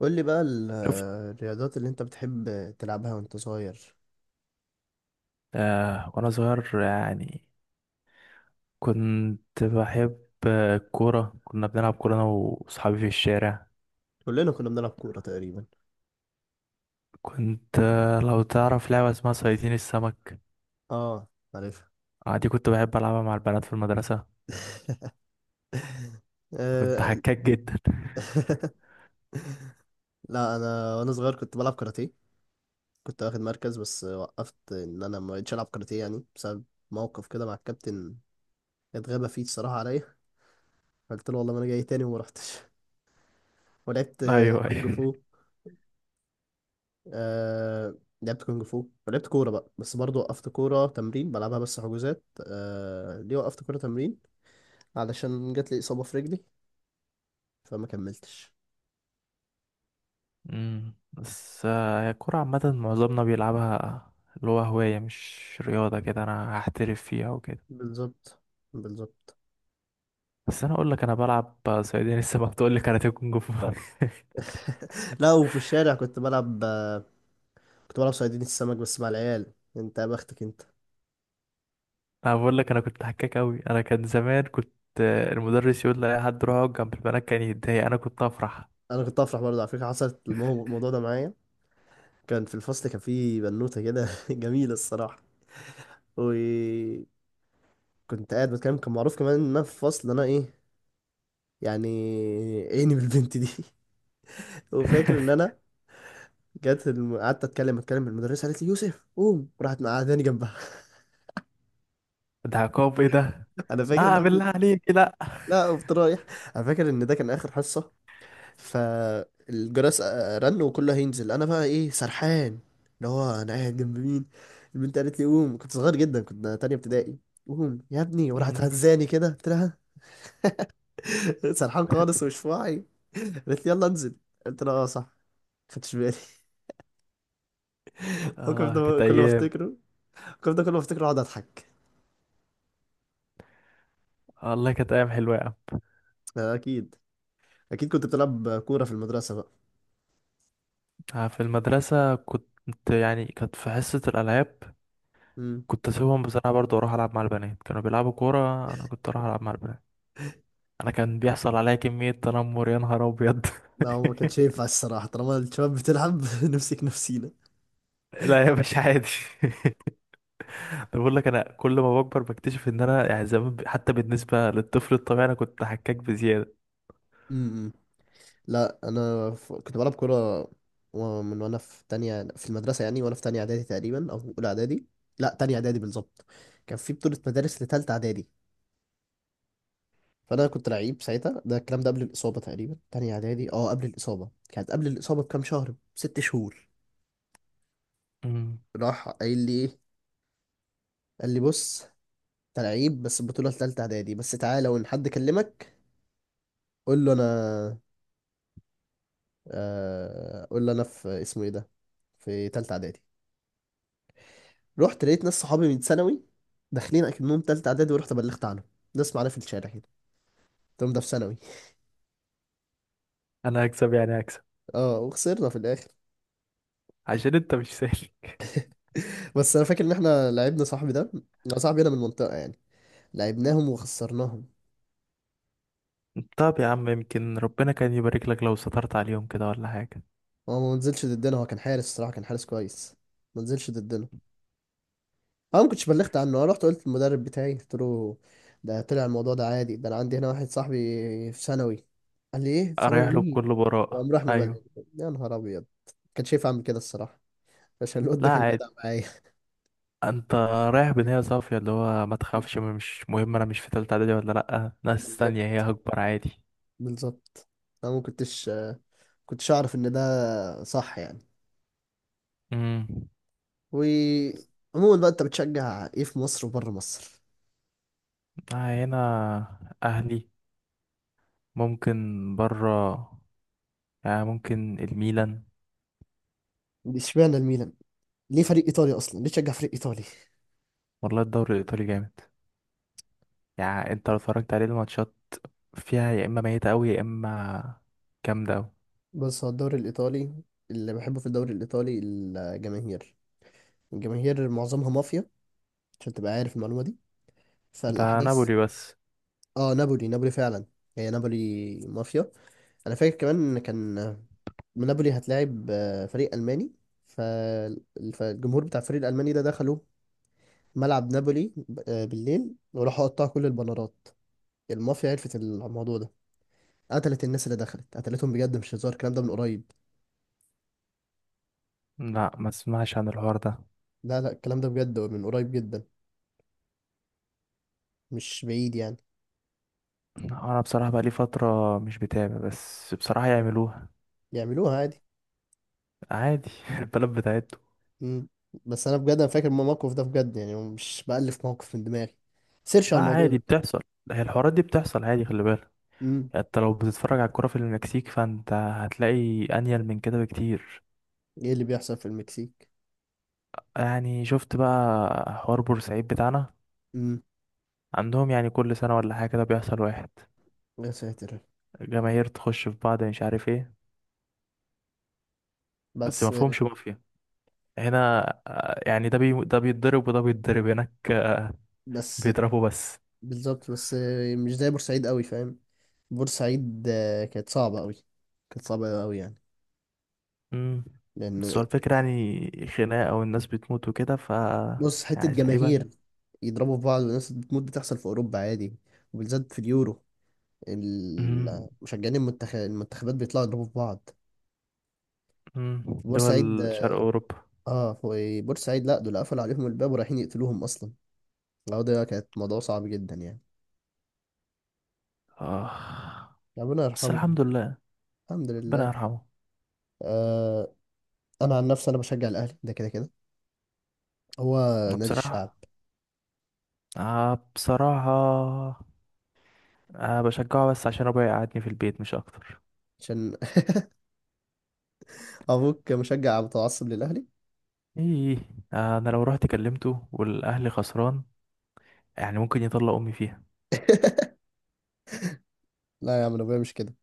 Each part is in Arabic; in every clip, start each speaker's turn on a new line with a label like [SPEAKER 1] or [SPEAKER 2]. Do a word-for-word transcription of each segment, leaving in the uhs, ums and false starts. [SPEAKER 1] قول لي بقى ال-
[SPEAKER 2] شفت.
[SPEAKER 1] الرياضات اللي انت بتحب تلعبها وانت صغير.
[SPEAKER 2] آه وانا صغير، يعني كنت بحب. آه، الكورة، كنا بنلعب كورة انا واصحابي في الشارع.
[SPEAKER 1] كلنا كنا بنلعب كورة تقريبا.
[SPEAKER 2] كنت آه، لو تعرف لعبة اسمها صيادين السمك،
[SPEAKER 1] اه، عارفها.
[SPEAKER 2] آه دي كنت بحب العبها مع البنات في المدرسة. كنت
[SPEAKER 1] آه،
[SPEAKER 2] حكاك جدا.
[SPEAKER 1] لا، انا وانا صغير كنت بلعب كاراتيه. كنت واخد مركز بس وقفت ان انا ما بقتش العب كاراتيه يعني بسبب موقف كده مع الكابتن، اتغابى فيه الصراحة عليا. قلت له والله ما انا جاي تاني وما رحتش. ولعبت
[SPEAKER 2] ايوه
[SPEAKER 1] كونج
[SPEAKER 2] ايوه.
[SPEAKER 1] فو. آه، لعبت كونج فو ولعبت كورة بقى، بس برضه وقفت كورة تمرين بلعبها بس حجوزات. آه ليه وقفت كورة تمرين؟ علشان جات لي إصابة في رجلي، فما كملتش.
[SPEAKER 2] أمم، بس آه، هي الكورة عامة معظمنا بيلعبها، اللي هو هواية مش رياضة كده انا هحترف فيها وكده.
[SPEAKER 1] بالظبط، بالظبط.
[SPEAKER 2] بس انا اقول لك، انا بلعب آه، صيادين السمك، تقول لي كاراتيه كونج فو.
[SPEAKER 1] لا، وفي الشارع كنت بلعب كنت بلعب صيادين السمك بس مع العيال. انت يا بختك انت.
[SPEAKER 2] انا بقول لك انا كنت حكاك قوي. انا كان زمان كنت، آه، المدرس يقول لأي حد روح اقعد جنب البنات كان يتضايق، انا كنت افرح.
[SPEAKER 1] انا كنت افرح برضه، على فكره حصلت المو- الموضوع ده معايا. كان في الفصل، كان في بنوته كده جميله الصراحه. وكنت قاعد بتكلم. كان معروف كمان ان انا في الفصل انا ايه يعني، عيني بالبنت دي. وفاكر ان انا جت. الم... قعدت اتكلم اتكلم. المدرسه قالت لي يوسف قوم، راحت مقعداني جنبها.
[SPEAKER 2] ده عقاب ايه ده؟
[SPEAKER 1] انا فاكر ان
[SPEAKER 2] لا
[SPEAKER 1] انا...
[SPEAKER 2] بالله عليك، لا.
[SPEAKER 1] لا، قمت رايح. انا فاكر ان ده كان اخر حصه، فالجرس آه، رن وكله هينزل، انا بقى ايه سرحان، اللي هو انا قاعد جنب مين؟ البنت قالت لي قوم. كنت صغير جدا، كنت تانية ابتدائي. قوم يا ابني، وراحت
[SPEAKER 2] أمم.
[SPEAKER 1] هزاني كده. قلت لها سرحان خالص ومش في وعي. قالت لي يلا انزل. قلت لها اه صح، ما خدتش بالي. الموقف
[SPEAKER 2] اه،
[SPEAKER 1] ده
[SPEAKER 2] كانت
[SPEAKER 1] كل ما
[SPEAKER 2] ايام.
[SPEAKER 1] افتكره، الموقف ده كل ما افتكره اقعد اضحك.
[SPEAKER 2] والله كانت ايام حلوه يا عم.
[SPEAKER 1] آه، اكيد، اكيد. كنت بتلعب كورة في المدرسة بقى.
[SPEAKER 2] آه، في المدرسه كنت، يعني كانت في حصه الالعاب،
[SPEAKER 1] امم.
[SPEAKER 2] كنت اسيبهم بصراحه برضه اروح العب مع البنات. كانوا بيلعبوا كوره، انا كنت اروح العب مع البنات. انا كان بيحصل عليا كميه تنمر، يا نهار ابيض.
[SPEAKER 1] لا، هو ما كانش ينفع الصراحة طالما الشباب بتلعب نمسك نفسينا.
[SPEAKER 2] لا يا باشا عادي. أنا بقول لك، انا كل ما بكبر بكتشف ان انا يعني زمان ب- حتى بالنسبه للطفل الطبيعي انا كنت حكاك بزياده.
[SPEAKER 1] امم. لا انا ف... كنت بلعب كوره. و- من وانا في تانية في المدرسه يعني، وانا في تانية اعدادي تقريبا، او اولى اعدادي. لا، تانية اعدادي بالظبط. كان في بطوله مدارس لتالتة اعدادي، فانا كنت لعيب ساعتها. ده الكلام ده قبل الاصابه تقريبا، تانية اعدادي، اه قبل الاصابه كانت قبل الاصابه بكام شهر، ست شهور.
[SPEAKER 2] مم.
[SPEAKER 1] راح قايل لي ايه؟ قال لي بص، انت لعيب بس البطوله لتالتة اعدادي بس، تعالى وان حد كلمك قول له انا آه، قول له انا في اسمه ايه ده، في تالتة اعدادي. رحت لقيت ناس صحابي من ثانوي داخلين اكنهم تالتة اعدادي، ورحت بلغت عنهم. ناس معانا في الشارع كده. قلت لهم ده في ثانوي.
[SPEAKER 2] انا هكسب، يعني هكسب،
[SPEAKER 1] اه، وخسرنا في الاخر.
[SPEAKER 2] عشان انت مش سهل.
[SPEAKER 1] بس انا فاكر ان احنا لعبنا صاحبي ده، صاحبي انا من المنطقة يعني، لعبناهم وخسرناهم.
[SPEAKER 2] طب يا عم، يمكن ربنا كان يبارك لك لو سترت عليهم كده ولا حاجه.
[SPEAKER 1] هو ما نزلش ضدنا، هو كان حارس الصراحة، كان حارس كويس، ما نزلش ضدنا. انا ما كنتش بلغت عنه، انا رحت قلت للمدرب بتاعي، قلت له ده طلع الموضوع ده عادي، ده انا عندي هنا واحد صاحبي في ثانوي. قال لي ايه، في ثانوي
[SPEAKER 2] اريح له
[SPEAKER 1] مين؟
[SPEAKER 2] بكل براءه،
[SPEAKER 1] وقام راح مبلغ.
[SPEAKER 2] ايوه.
[SPEAKER 1] يا نهار ابيض. كان شايف اعمل كده الصراحة عشان الواد
[SPEAKER 2] لا
[SPEAKER 1] ده كان
[SPEAKER 2] عادي،
[SPEAKER 1] جدع معايا.
[SPEAKER 2] انت رايح بنية صافية، اللي هو ما تخافش، مش مهم انا مش في تالتة اعدادي ولا لأ، ناس تانية
[SPEAKER 1] بالظبط،
[SPEAKER 2] هي، هكبر عادي.
[SPEAKER 1] بالظبط. انا ما كنتش كنتش اعرف ان ده صح يعني.
[SPEAKER 2] مم.
[SPEAKER 1] وعموما بقى، انت بتشجع ايه في مصر وبره مصر؟
[SPEAKER 2] آه، هنا أهلي، ممكن برا يعني ممكن الميلان.
[SPEAKER 1] اشمعنى الميلان؟ ليه فريق ايطالي اصلا؟ ليه تشجع فريق ايطالي؟
[SPEAKER 2] والله الدوري الإيطالي جامد، يعني أنت لو اتفرجت عليه الماتشات، فيها يا إما ميتة أوي يا إما جامدة أوي.
[SPEAKER 1] بص، هو الدوري الايطالي، اللي بحبه في الدوري الايطالي الجماهير. الجماهير معظمها مافيا، عشان تبقى عارف المعلومه دي،
[SPEAKER 2] ده
[SPEAKER 1] فالاحداث...
[SPEAKER 2] نابولي بس.
[SPEAKER 1] اه، نابولي، نابولي فعلا. هي نابولي مافيا. انا فاكر كمان ان كان نابولي هتلاعب آه، فريق الماني. فال- فالجمهور بتاع الفريق الالماني ده دخلوا ملعب نابولي ب- آه، بالليل، وراحوا قطعوا كل البنرات. المافيا عرفت الموضوع ده، قتلت الناس اللي دخلت، قتلتهم بجد مش هزار. الكلام ده من قريب.
[SPEAKER 2] لا، ما اسمعش عن الحوار ده.
[SPEAKER 1] لا لا، الكلام ده بجد من قريب جدا، مش بعيد يعني.
[SPEAKER 2] أنا بصراحة بقالي فترة مش بتابع، بس بصراحة يعملوها.
[SPEAKER 1] يعملوها عادي.
[SPEAKER 2] عادي. البلد بتاعته.
[SPEAKER 1] مم. بس انا بجد، انا فاكر الموقف ده بجد، يعني مش بألف موقف من دماغي. سيرش على
[SPEAKER 2] لا
[SPEAKER 1] الموضوع.
[SPEAKER 2] عادي، بتحصل. هي الحوارات دي بتحصل عادي، خلي بالك.
[SPEAKER 1] مم.
[SPEAKER 2] يعني انت لو بتتفرج على الكرة في المكسيك، فانت هتلاقي انيل من كده بكتير.
[SPEAKER 1] ايه اللي بيحصل في المكسيك؟
[SPEAKER 2] يعني شفت بقى حوار بورسعيد بتاعنا؟
[SPEAKER 1] مم.
[SPEAKER 2] عندهم يعني كل سنة ولا حاجة كده بيحصل واحد.
[SPEAKER 1] يا ساتر.
[SPEAKER 2] جماهير تخش في بعض، مش عارف ايه، بس ما
[SPEAKER 1] بس.
[SPEAKER 2] فهمش مافيا هنا. آه، يعني ده بي... ده بيتضرب وده بيتضرب هناك، آه،
[SPEAKER 1] بس.
[SPEAKER 2] بيضربوا بس.
[SPEAKER 1] بالظبط، بس مش زي بورسعيد قوي، فاهم؟ بورسعيد آه، كانت صعبة قوي، كانت صعبة قوي يعني.
[SPEAKER 2] امم. بس
[SPEAKER 1] لأن...
[SPEAKER 2] هو الفكرة يعني خناقة والناس بتموت وكده، ف
[SPEAKER 1] بص، حتة
[SPEAKER 2] يعني تقريبا.
[SPEAKER 1] جماهير يضربوا في بعض وناس بتموت بتحصل في أوروبا عادي، وبالذات في اليورو.
[SPEAKER 2] امم.
[SPEAKER 1] ال- مشجعين المنتخب المنتخبات بيطلعوا يضربوا في بعض.
[SPEAKER 2] امم،
[SPEAKER 1] في
[SPEAKER 2] دول
[SPEAKER 1] بورسعيد
[SPEAKER 2] شرق
[SPEAKER 1] اه
[SPEAKER 2] أوروبا.
[SPEAKER 1] آه، في بورسعيد لا، دول قفلوا عليهم الباب ورايحين يقتلوهم أصلا. العودة ده كانت موضوع صعب جدا يعني.
[SPEAKER 2] آه.
[SPEAKER 1] ربنا
[SPEAKER 2] بس
[SPEAKER 1] يرحمهم.
[SPEAKER 2] الحمد لله.
[SPEAKER 1] الحمد
[SPEAKER 2] ربنا
[SPEAKER 1] لله.
[SPEAKER 2] يرحمه.
[SPEAKER 1] آه أنا عن نفسي أنا بشجع الأهلي، ده كده كده. هو
[SPEAKER 2] أنا
[SPEAKER 1] نادي الشعب.
[SPEAKER 2] بصراحة، آه بصراحة، آه بشجعه بس عشان أبويا يقعدني في البيت مش أكتر.
[SPEAKER 1] عشان ابوك مشجع متعصب للاهلي.
[SPEAKER 2] إيه. آه، أنا لو رحت كلمته والأهلي خسران، يعني ممكن يطلع امي فيها.
[SPEAKER 1] لا يا عم، أنا ابويا مش كده.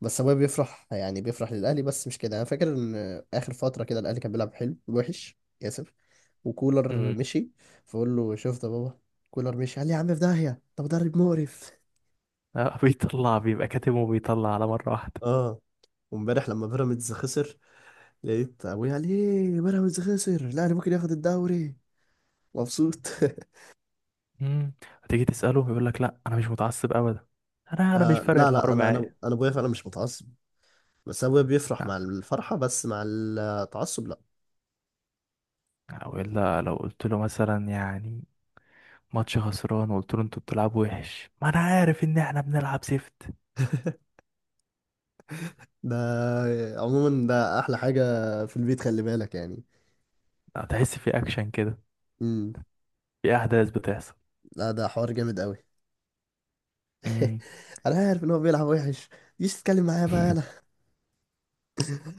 [SPEAKER 1] بس ابويا بيفرح، يعني بيفرح للاهلي بس، مش كده. انا فاكر ان اخر فتره كده الاهلي كان بيلعب حلو وحش، اسف، وكولر
[SPEAKER 2] امم.
[SPEAKER 1] مشي. فقول له شفت يا بابا، كولر مشي. قال لي يا عم في داهيه، ده مدرب مقرف.
[SPEAKER 2] آه، بيطلع بيبقى كاتم وبيطلع على مره واحده.
[SPEAKER 1] اه، وامبارح لما بيراميدز خسر، لقيت ابويا قال ايه، بيراميدز خسر الاهلي ممكن ياخد الدوري. مبسوط.
[SPEAKER 2] امم. هتيجي تساله يقول لك لا انا مش متعصب ابدا، انا انا مش
[SPEAKER 1] آه
[SPEAKER 2] فارق
[SPEAKER 1] لا لا،
[SPEAKER 2] الحوار
[SPEAKER 1] انا انا
[SPEAKER 2] معايا.
[SPEAKER 1] انا ابويا فعلا مش متعصب. بس ابويا بيفرح
[SPEAKER 2] لا.
[SPEAKER 1] مع الفرحة بس، مع التعصب لا.
[SPEAKER 2] او الا لو قلت له مثلا، يعني ماتش خسران، وقلت له انتوا بتلعبوا وحش، ما انا عارف ان احنا بنلعب سيفت.
[SPEAKER 1] ده عموما ده احلى حاجة في البيت، خلي بالك يعني.
[SPEAKER 2] هتحس في اكشن كده،
[SPEAKER 1] امم.
[SPEAKER 2] في احداث بتحصل.
[SPEAKER 1] لا، ده حوار جامد قوي.
[SPEAKER 2] امم.
[SPEAKER 1] انا عارف ان هو بيلعب وحش. مش تتكلم معايا بقى انا.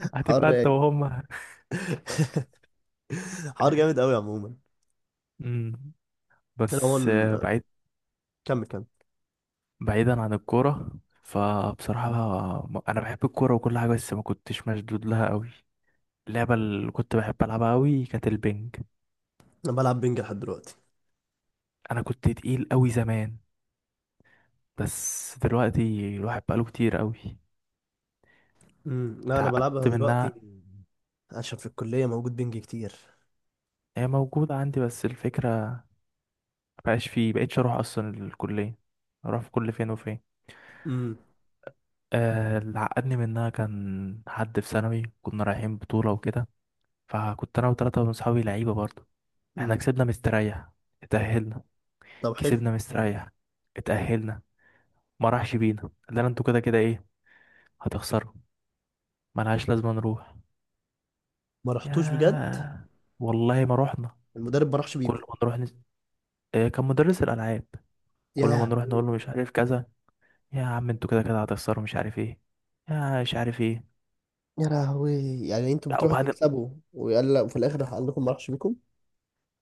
[SPEAKER 1] حوار
[SPEAKER 2] هتبقى انت
[SPEAKER 1] رايق.
[SPEAKER 2] وهم.
[SPEAKER 1] حوار جامد قوي عموما.
[SPEAKER 2] امم.
[SPEAKER 1] انا
[SPEAKER 2] بس آه،
[SPEAKER 1] عموما،
[SPEAKER 2] بعيد،
[SPEAKER 1] كمل، كمل.
[SPEAKER 2] بعيدا عن الكورة، فبصراحة، م- أنا بحب الكورة وكل حاجة بس ما كنتش مشدود لها أوي. اللعبة اللي كنت بحب ألعبها أوي كانت البنج.
[SPEAKER 1] انا بلعب بينج لحد دلوقتي.
[SPEAKER 2] أنا كنت تقيل أوي زمان، بس دلوقتي الواحد بقاله كتير أوي،
[SPEAKER 1] امم. لا انا بلعبها
[SPEAKER 2] اتعقدت
[SPEAKER 1] دلوقتي
[SPEAKER 2] منها.
[SPEAKER 1] عشان في الكلية موجود بينج كتير.
[SPEAKER 2] هي موجودة عندي بس الفكرة مبقاش فيه، مبقتش أروح أصلا الكلية، أروح في كل فين وفين.
[SPEAKER 1] امم.
[SPEAKER 2] آه، اللي عقدني منها كان حد في ثانوي، كنا رايحين بطولة وكده، فكنت أنا وتلاتة من صحابي لعيبة برضه. احنا
[SPEAKER 1] امم.
[SPEAKER 2] كسبنا مستريح، اتأهلنا،
[SPEAKER 1] طب حلو.
[SPEAKER 2] كسبنا مستريح، اتأهلنا. ما راحش بينا، قال لنا انتوا كده كده ايه، هتخسروا، ملهاش لازمة نروح.
[SPEAKER 1] ما رحتوش بجد؟
[SPEAKER 2] ياه، والله ما رحنا.
[SPEAKER 1] المدرب ما راحش
[SPEAKER 2] كل
[SPEAKER 1] بيكم؟
[SPEAKER 2] ما نروح نس... آه، كان مدرس الألعاب،
[SPEAKER 1] يا
[SPEAKER 2] كل ما نروح نقول له
[SPEAKER 1] لهوي.
[SPEAKER 2] مش عارف كذا، يا عم انتوا كده كده هتخسروا مش عارف ايه، يا مش عارف ايه.
[SPEAKER 1] يا لهوي. يعني انتوا
[SPEAKER 2] لا،
[SPEAKER 1] بتروحوا
[SPEAKER 2] وبعد
[SPEAKER 1] تكسبوا ويقلق، وفي الاخر راح قال لكم ما راحش بيكم.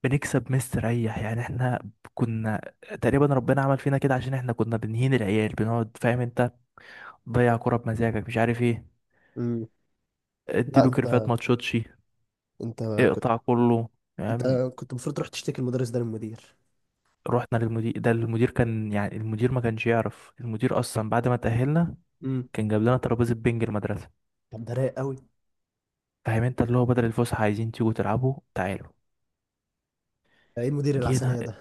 [SPEAKER 2] بنكسب مستريح يعني احنا، كنا تقريبا ربنا عمل فينا كده عشان احنا كنا بنهين العيال، بنقعد فاهم انت، ضيع كرة بمزاجك مش عارف ايه،
[SPEAKER 1] امم. لا،
[SPEAKER 2] اديله
[SPEAKER 1] انت
[SPEAKER 2] كيرفات ما تشوتش،
[SPEAKER 1] انت كنت
[SPEAKER 2] اقطع كله.
[SPEAKER 1] انت
[SPEAKER 2] يعني
[SPEAKER 1] كنت المفروض تروح تشتكي المدرس ده للمدير.
[SPEAKER 2] رحنا للمدير، ده المدير كان، يعني المدير ما كانش يعرف، المدير اصلا بعد ما تأهلنا
[SPEAKER 1] امم.
[SPEAKER 2] كان جاب لنا ترابيزة بنج المدرسة،
[SPEAKER 1] طب ده رايق قوي.
[SPEAKER 2] فاهم انت؟ اللي هو بدل الفسحه عايزين تيجوا تلعبوا تعالوا.
[SPEAKER 1] ده ايه المدير
[SPEAKER 2] جينا.
[SPEAKER 1] العسليه ده؟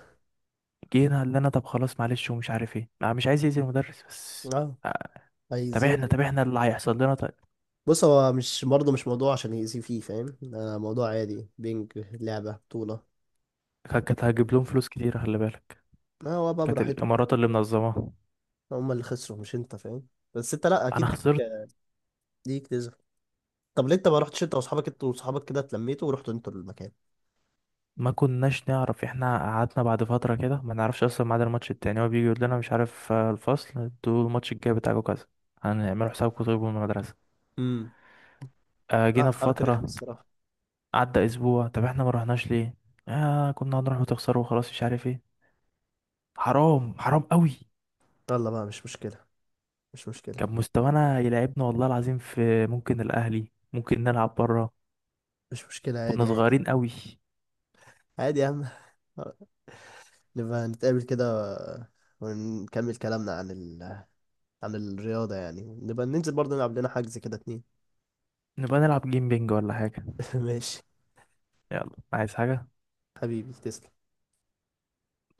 [SPEAKER 2] جينا اللي انا طب خلاص معلش ومش عارف ايه، انا مش عايز يأذي المدرس بس.
[SPEAKER 1] اه،
[SPEAKER 2] آه، طب
[SPEAKER 1] هيأذيه
[SPEAKER 2] احنا،
[SPEAKER 1] يعني.
[SPEAKER 2] طب احنا اللي هيحصل لنا طيب،
[SPEAKER 1] بص، هو مش برضه مش موضوع عشان يأذيه فيه، فاهم؟ ده موضوع عادي، بينج، لعبه بطوله.
[SPEAKER 2] كانت كانت هجيب لهم فلوس كتير خلي بالك،
[SPEAKER 1] ما هو بقى
[SPEAKER 2] كانت
[SPEAKER 1] براحتهم.
[SPEAKER 2] الامارات اللي منظماها.
[SPEAKER 1] هم اللي خسروا مش انت، فاهم؟ بس انت لا
[SPEAKER 2] انا
[SPEAKER 1] اكيد ليك
[SPEAKER 2] خسرت.
[SPEAKER 1] ليك تزعل. طب ليه انت ما رحتش انت واصحابك، انت واصحابك كده اتلميتوا ورحتوا انتوا المكان.
[SPEAKER 2] ما كناش نعرف، احنا قعدنا بعد فتره كده ما نعرفش اصلا ميعاد الماتش التاني، هو بيجي يقول لنا مش عارف، آه، الفصل انتوا الماتش الجاي بتاعكم كذا، هنعملوا حسابكم طيب من المدرسه.
[SPEAKER 1] امم.
[SPEAKER 2] آه،
[SPEAKER 1] لا،
[SPEAKER 2] جينا في
[SPEAKER 1] حركه رخمه
[SPEAKER 2] فتره،
[SPEAKER 1] الصراحه.
[SPEAKER 2] عدى اسبوع، طب احنا ما رحناش ليه؟ آه كنا هنروح وتخسروا وخلاص مش عارف ايه. حرام، حرام قوي.
[SPEAKER 1] يلا بقى، مش مشكلة، مش مشكلة.
[SPEAKER 2] كان مستوانا يلعبنا والله العظيم في، ممكن الاهلي ممكن نلعب بره،
[SPEAKER 1] مش مشكلة،
[SPEAKER 2] كنا
[SPEAKER 1] عادي، عادي.
[SPEAKER 2] صغيرين قوي.
[SPEAKER 1] عادي يا عم. نبقى نتقابل كده، ونكمل كلامنا عن ال... عن الرياضة يعني. نبقى ننزل برضه، نلعب لنا حجز كده اتنين.
[SPEAKER 2] نبقى نلعب جيم بينج ولا حاجه.
[SPEAKER 1] ماشي.
[SPEAKER 2] يلا، عايز حاجه؟
[SPEAKER 1] حبيبي تسلم.